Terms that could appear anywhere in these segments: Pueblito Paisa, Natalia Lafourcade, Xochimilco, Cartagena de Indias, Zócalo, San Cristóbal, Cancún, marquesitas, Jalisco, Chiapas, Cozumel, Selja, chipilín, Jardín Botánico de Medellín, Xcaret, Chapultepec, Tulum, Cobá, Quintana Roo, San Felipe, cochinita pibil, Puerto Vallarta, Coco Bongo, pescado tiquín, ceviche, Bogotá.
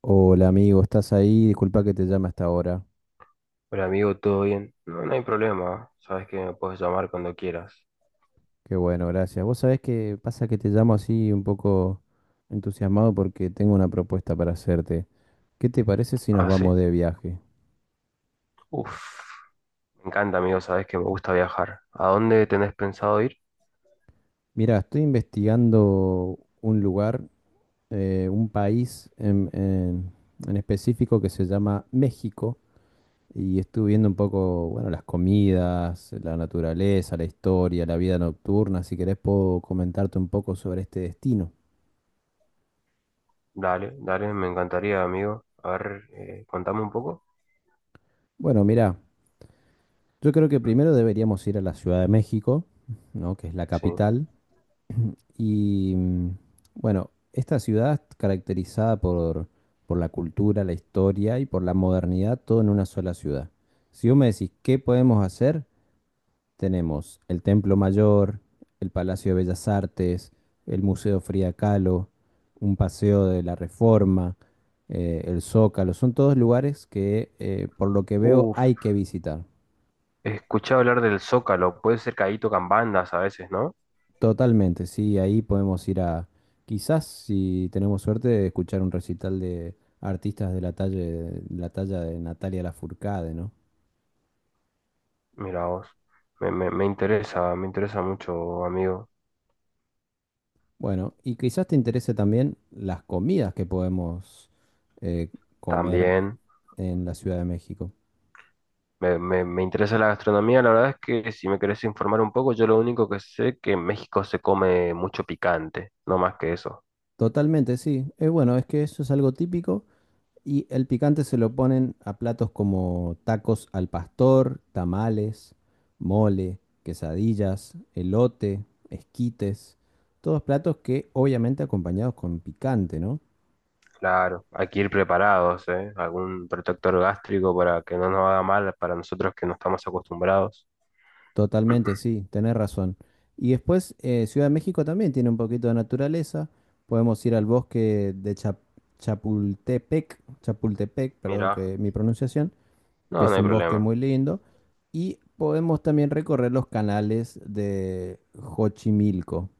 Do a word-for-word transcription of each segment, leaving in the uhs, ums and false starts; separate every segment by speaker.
Speaker 1: Hola amigo, ¿estás ahí? Disculpa que te llame hasta ahora.
Speaker 2: Hola amigo, ¿todo bien? No, no hay problema, sabes que me puedes llamar cuando quieras.
Speaker 1: Qué bueno, gracias. Vos sabés que pasa que te llamo así un poco entusiasmado porque tengo una propuesta para hacerte. ¿Qué te parece si nos
Speaker 2: Ah, sí.
Speaker 1: vamos de viaje?
Speaker 2: Uf, me encanta amigo, sabes que me gusta viajar. ¿A dónde tenés pensado ir?
Speaker 1: Mira, estoy investigando un lugar, eh, un país en, en- en específico que se llama México y estuve viendo un poco, bueno, las comidas, la naturaleza, la historia, la vida nocturna. Si querés puedo comentarte un poco sobre este destino.
Speaker 2: Dale, dale, me encantaría amigo. A ver, eh, contame un poco.
Speaker 1: Bueno, mira. Yo creo que primero deberíamos ir a la Ciudad de México, ¿no? Que es la
Speaker 2: Sí.
Speaker 1: capital. Y mm, bueno, esta ciudad es caracterizada por, por la cultura, la historia y por la modernidad, todo en una sola ciudad. Si vos me decís, ¿qué podemos hacer? Tenemos el Templo Mayor, el Palacio de Bellas Artes, el Museo Frida Kahlo, un paseo de la Reforma, eh, el Zócalo. Son todos lugares que, eh, por lo que veo,
Speaker 2: Uf,
Speaker 1: hay que visitar.
Speaker 2: escuché hablar del Zócalo, puede ser que ahí tocan bandas a veces, ¿no?
Speaker 1: Totalmente, sí, ahí podemos ir a, quizás si tenemos suerte, escuchar un recital de artistas de la talla de, la talla de Natalia Lafourcade, ¿no?
Speaker 2: Mira vos, me, me, me interesa, me interesa mucho amigo.
Speaker 1: Bueno, y quizás te interese también las comidas que podemos eh, comer
Speaker 2: También.
Speaker 1: en la Ciudad de México.
Speaker 2: Me, me- me interesa la gastronomía, la verdad es que si me querés informar un poco, yo lo único que sé es que en México se come mucho picante, no más que eso.
Speaker 1: Totalmente, sí. Es bueno, es que eso es algo típico. Y el picante se lo ponen a platos como tacos al pastor, tamales, mole, quesadillas, elote, esquites. Todos platos que obviamente acompañados con picante, ¿no?
Speaker 2: Claro, hay que ir preparados, ¿eh? Algún protector gástrico para que no nos haga mal para nosotros que no estamos acostumbrados.
Speaker 1: Totalmente, sí, tenés razón. Y después eh, Ciudad de México también tiene un poquito de naturaleza. Podemos ir al bosque de Chap- Chapultepec, Chapultepec, perdón
Speaker 2: Mira,
Speaker 1: que mi pronunciación, que
Speaker 2: no,
Speaker 1: es
Speaker 2: no hay
Speaker 1: un bosque
Speaker 2: problema.
Speaker 1: muy lindo, y podemos también recorrer los canales de Xochimilco,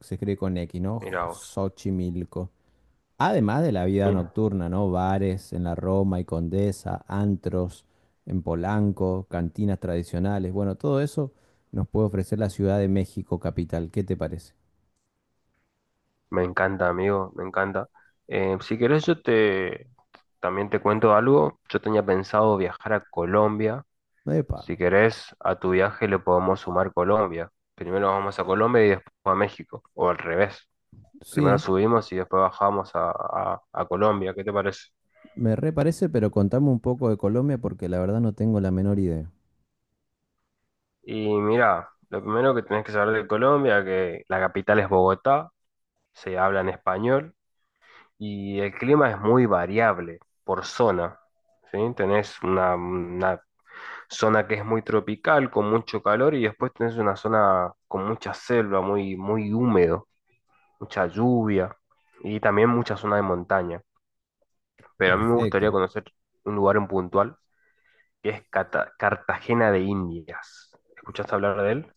Speaker 1: se escribe con X,
Speaker 2: Mira
Speaker 1: ¿no?
Speaker 2: vos.
Speaker 1: Xochimilco. Además de la vida
Speaker 2: Mira,
Speaker 1: nocturna, ¿no? Bares en la Roma y Condesa, antros en Polanco, cantinas tradicionales, bueno, todo eso nos puede ofrecer la Ciudad de México capital, ¿qué te parece?
Speaker 2: me encanta, amigo, me encanta. Eh, si querés, yo te también te cuento algo. Yo tenía pensado viajar a Colombia.
Speaker 1: Epa,
Speaker 2: Si querés, a tu viaje le podemos sumar Colombia. Primero vamos a Colombia y después a México, o al revés. Primero
Speaker 1: sí,
Speaker 2: subimos y después bajamos a, a- a Colombia, ¿qué te parece?
Speaker 1: me reparece, pero contame un poco de Colombia porque la verdad no tengo la menor idea.
Speaker 2: Y mira, lo primero que tenés que saber de Colombia, que la capital es Bogotá, se habla en español y el clima es muy variable por zona. ¿Sí? Tenés una, una zona que es muy tropical, con mucho calor, y después tenés una zona con mucha selva, muy, muy húmedo, mucha lluvia y también mucha zona de montaña. Pero a mí me gustaría
Speaker 1: Perfecto.
Speaker 2: conocer un lugar en puntual que es Cata- Cartagena de Indias. ¿Escuchaste hablar de él?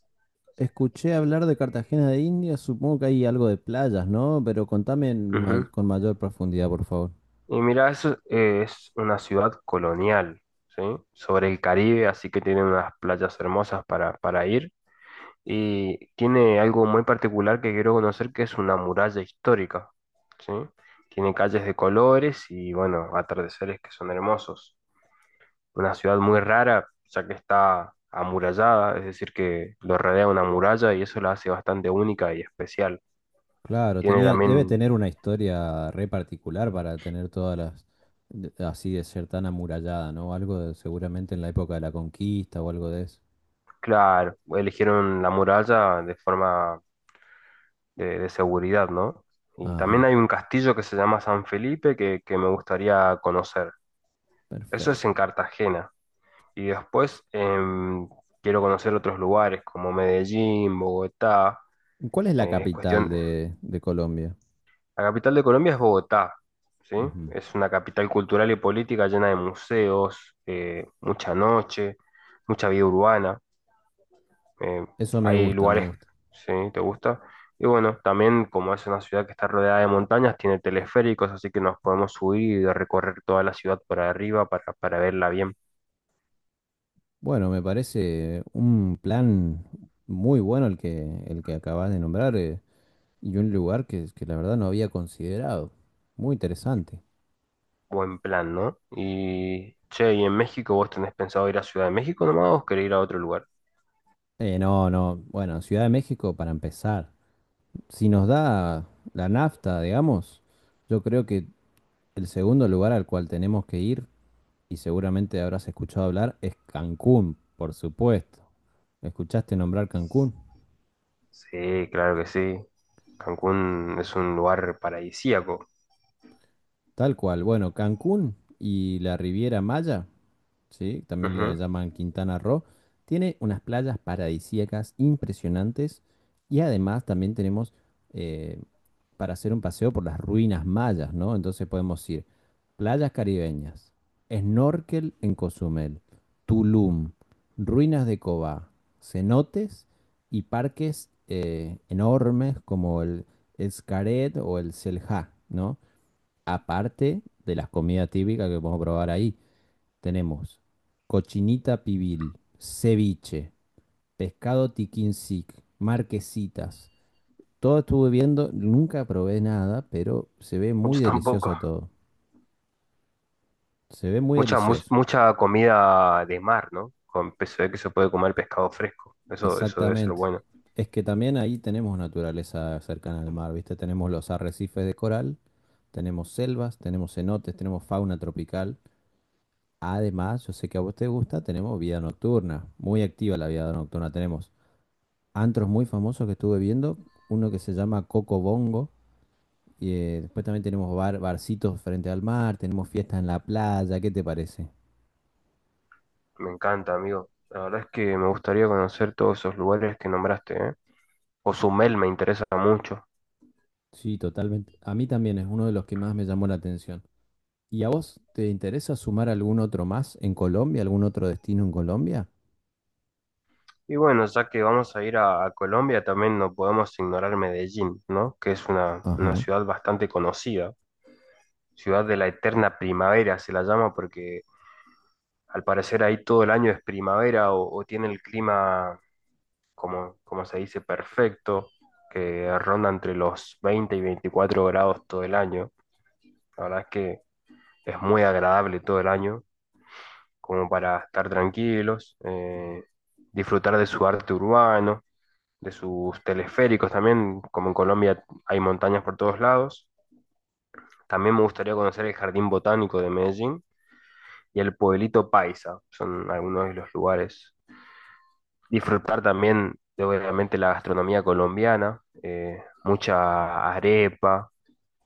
Speaker 1: Escuché hablar de Cartagena de Indias, supongo que hay algo de playas, ¿no? Pero contame en ma-
Speaker 2: Ujú.
Speaker 1: con mayor profundidad, por favor.
Speaker 2: Y mira, eso es una ciudad colonial, ¿sí? Sobre el Caribe, así que tiene unas playas hermosas para, para ir. Y tiene algo muy particular que quiero conocer, que es una muralla histórica, ¿sí? Tiene calles de colores y, bueno, atardeceres que son hermosos. Una ciudad muy rara, ya que está amurallada, es decir, que lo rodea una muralla y eso la hace bastante única y especial.
Speaker 1: Claro,
Speaker 2: Tiene
Speaker 1: tenía, debe
Speaker 2: también,
Speaker 1: tener una historia re particular para tener todas las, de- así de ser tan amurallada, ¿no? Algo de- seguramente en la época de la conquista o algo de eso.
Speaker 2: claro, eligieron la muralla de forma de, de seguridad, ¿no? Y también
Speaker 1: Ajá,
Speaker 2: hay un castillo que se llama San Felipe que, que me gustaría conocer. Eso es en
Speaker 1: perfecto.
Speaker 2: Cartagena. Y después em, quiero conocer otros lugares como Medellín, Bogotá.
Speaker 1: ¿Cuál es la
Speaker 2: Eh, es
Speaker 1: capital
Speaker 2: cuestión,
Speaker 1: de, de Colombia?
Speaker 2: la capital de Colombia es Bogotá, ¿sí?
Speaker 1: Ujú.
Speaker 2: Es una capital cultural y política llena de museos, eh, mucha noche, mucha vida urbana. eh,
Speaker 1: Eso me
Speaker 2: hay
Speaker 1: gusta, me
Speaker 2: lugares,
Speaker 1: gusta.
Speaker 2: ¿sí? ¿Te gusta? Y bueno, también como es una ciudad que está rodeada de montañas, tiene teleféricos, así que nos podemos subir y recorrer toda la ciudad por arriba para, para verla bien.
Speaker 1: Bueno, me parece un plan muy bueno el que, el que acabas de nombrar. eh. Y un lugar que, que la verdad no había considerado. Muy interesante.
Speaker 2: Buen plan, ¿no? Y, che, ¿y en México vos tenés pensado ir a Ciudad de México nomás o querés ir a otro lugar?
Speaker 1: Eh, no, no. Bueno, Ciudad de México para empezar. Si nos da la nafta, digamos, yo creo que el segundo lugar al cual tenemos que ir, y seguramente habrás escuchado hablar, es Cancún, por supuesto. ¿Escuchaste nombrar Cancún?
Speaker 2: Sí, claro que sí. Cancún es un lugar paradisíaco.
Speaker 1: Tal cual. Bueno, Cancún y la Riviera Maya, ¿sí? También le
Speaker 2: Ujú.
Speaker 1: llaman Quintana Roo. Tiene unas playas paradisíacas impresionantes y además también tenemos eh, para hacer un paseo por las ruinas mayas, ¿no? Entonces podemos ir playas caribeñas, snorkel en Cozumel, Tulum, ruinas de Cobá, cenotes y parques eh, enormes como el Xcaret o el Selja, ¿no? Aparte de las comidas típicas que podemos probar ahí. Tenemos cochinita pibil, ceviche, pescado tiquín marquesitas. Todo estuve viendo, nunca probé nada, pero se ve muy
Speaker 2: Muchos tampoco.
Speaker 1: delicioso todo. Se ve muy
Speaker 2: Mucha, mu-
Speaker 1: delicioso.
Speaker 2: mucha comida de mar, ¿no? Con se ve que se puede comer pescado fresco. Eso, eso debe ser
Speaker 1: Exactamente.
Speaker 2: bueno.
Speaker 1: Es que también ahí tenemos naturaleza cercana al mar, ¿viste? Tenemos los arrecifes de coral, tenemos selvas, tenemos cenotes, tenemos fauna tropical. Además, yo sé que a vos te gusta, tenemos vida nocturna, muy activa la vida nocturna. Tenemos antros muy famosos que estuve viendo, uno que se llama Coco Bongo, y eh, después también tenemos bar, barcitos frente al mar, tenemos fiestas en la playa, ¿qué te parece?
Speaker 2: Me encanta, amigo. La verdad es que me gustaría conocer todos esos lugares que nombraste, ¿eh? Cozumel me interesa mucho.
Speaker 1: Sí, totalmente. A mí también es uno de los que más me llamó la atención. ¿Y a vos te interesa sumar algún otro más en Colombia, algún otro destino en Colombia?
Speaker 2: Y bueno, ya que vamos a ir a, a Colombia, también no podemos ignorar Medellín, ¿no? Que es una, una
Speaker 1: Ajá,
Speaker 2: ciudad bastante conocida. Ciudad de la eterna primavera se la llama porque al parecer ahí todo el año es primavera o, o tiene el clima, como, como se dice, perfecto, que ronda entre los veinte y veinticuatro grados todo el año. La verdad es que es muy agradable todo el año, como para estar tranquilos, eh, disfrutar de su arte urbano, de sus teleféricos también, como en Colombia hay montañas por todos lados. También me gustaría conocer el Jardín Botánico de Medellín y el Pueblito Paisa, son algunos de los lugares, disfrutar también de obviamente la gastronomía colombiana, eh, mucha arepa,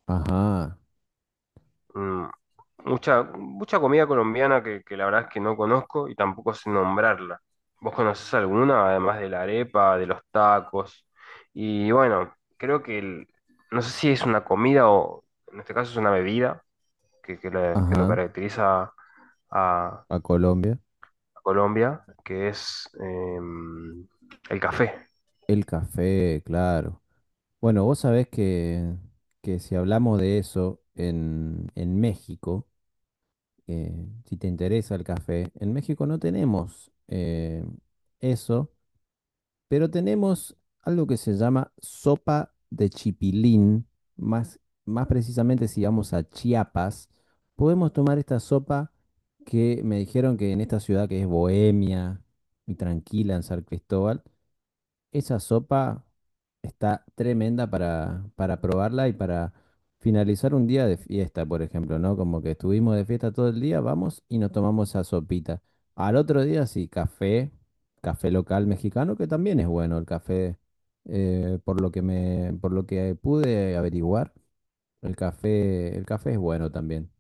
Speaker 1: ajá,
Speaker 2: mm, mucha, mucha comida colombiana que, que la verdad es que no conozco y tampoco sé nombrarla. ¿Vos conocés alguna, además de la arepa, de los tacos? Y bueno, creo que el- no sé si es una comida o en este caso es una bebida que, que la- que lo
Speaker 1: ajá,
Speaker 2: caracteriza a
Speaker 1: a Colombia.
Speaker 2: Colombia, que es em, el café.
Speaker 1: El café, claro. Bueno, vos sabés que, que si hablamos de eso en, en México, que si te interesa el café, en México no tenemos eh, eso, pero tenemos algo que se llama sopa de chipilín, más, más precisamente si vamos a Chiapas, podemos tomar esta sopa que me dijeron que en esta ciudad que es bohemia y tranquila en San Cristóbal, esa sopa está tremenda para, para probarla y para finalizar un día de fiesta, por ejemplo, ¿no? Como que estuvimos de fiesta todo el día, vamos y nos tomamos esa sopita. Al otro día sí, café, café local mexicano, que también es bueno el café, eh, por lo que me, por lo que pude averiguar, el café, el café es bueno también.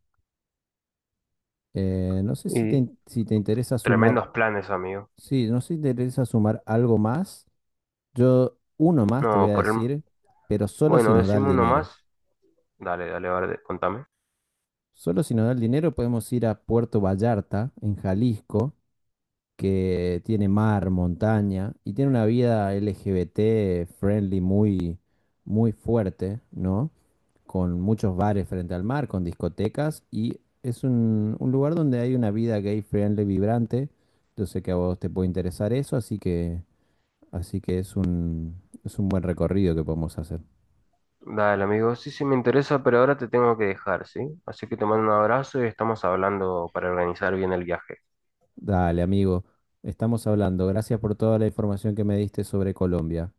Speaker 1: Eh, no sé si te,
Speaker 2: Y
Speaker 1: in- si te interesa sumar,
Speaker 2: tremendos planes, amigo.
Speaker 1: sí, no sé si te interesa sumar algo más. Yo uno más te voy
Speaker 2: No,
Speaker 1: a
Speaker 2: por el...
Speaker 1: decir, pero solo si
Speaker 2: Bueno,
Speaker 1: nos da el
Speaker 2: decime uno
Speaker 1: dinero.
Speaker 2: más. Dale, dale, vale, contame.
Speaker 1: Solo si nos da el dinero podemos ir a Puerto Vallarta, en Jalisco, que tiene mar, montaña y tiene una vida L G B T friendly muy, muy fuerte, ¿no? Con muchos bares frente al mar, con discotecas y es un, un lugar donde hay una vida gay friendly vibrante. Yo sé que a vos te puede interesar eso, así que, así que es un, es un buen recorrido que podemos hacer.
Speaker 2: Dale, amigo. Sí, sí, me interesa, pero ahora te tengo que dejar, ¿sí? Así que te mando un abrazo y estamos hablando para organizar bien el viaje.
Speaker 1: Dale, amigo. Estamos hablando. Gracias por toda la información que me diste sobre Colombia.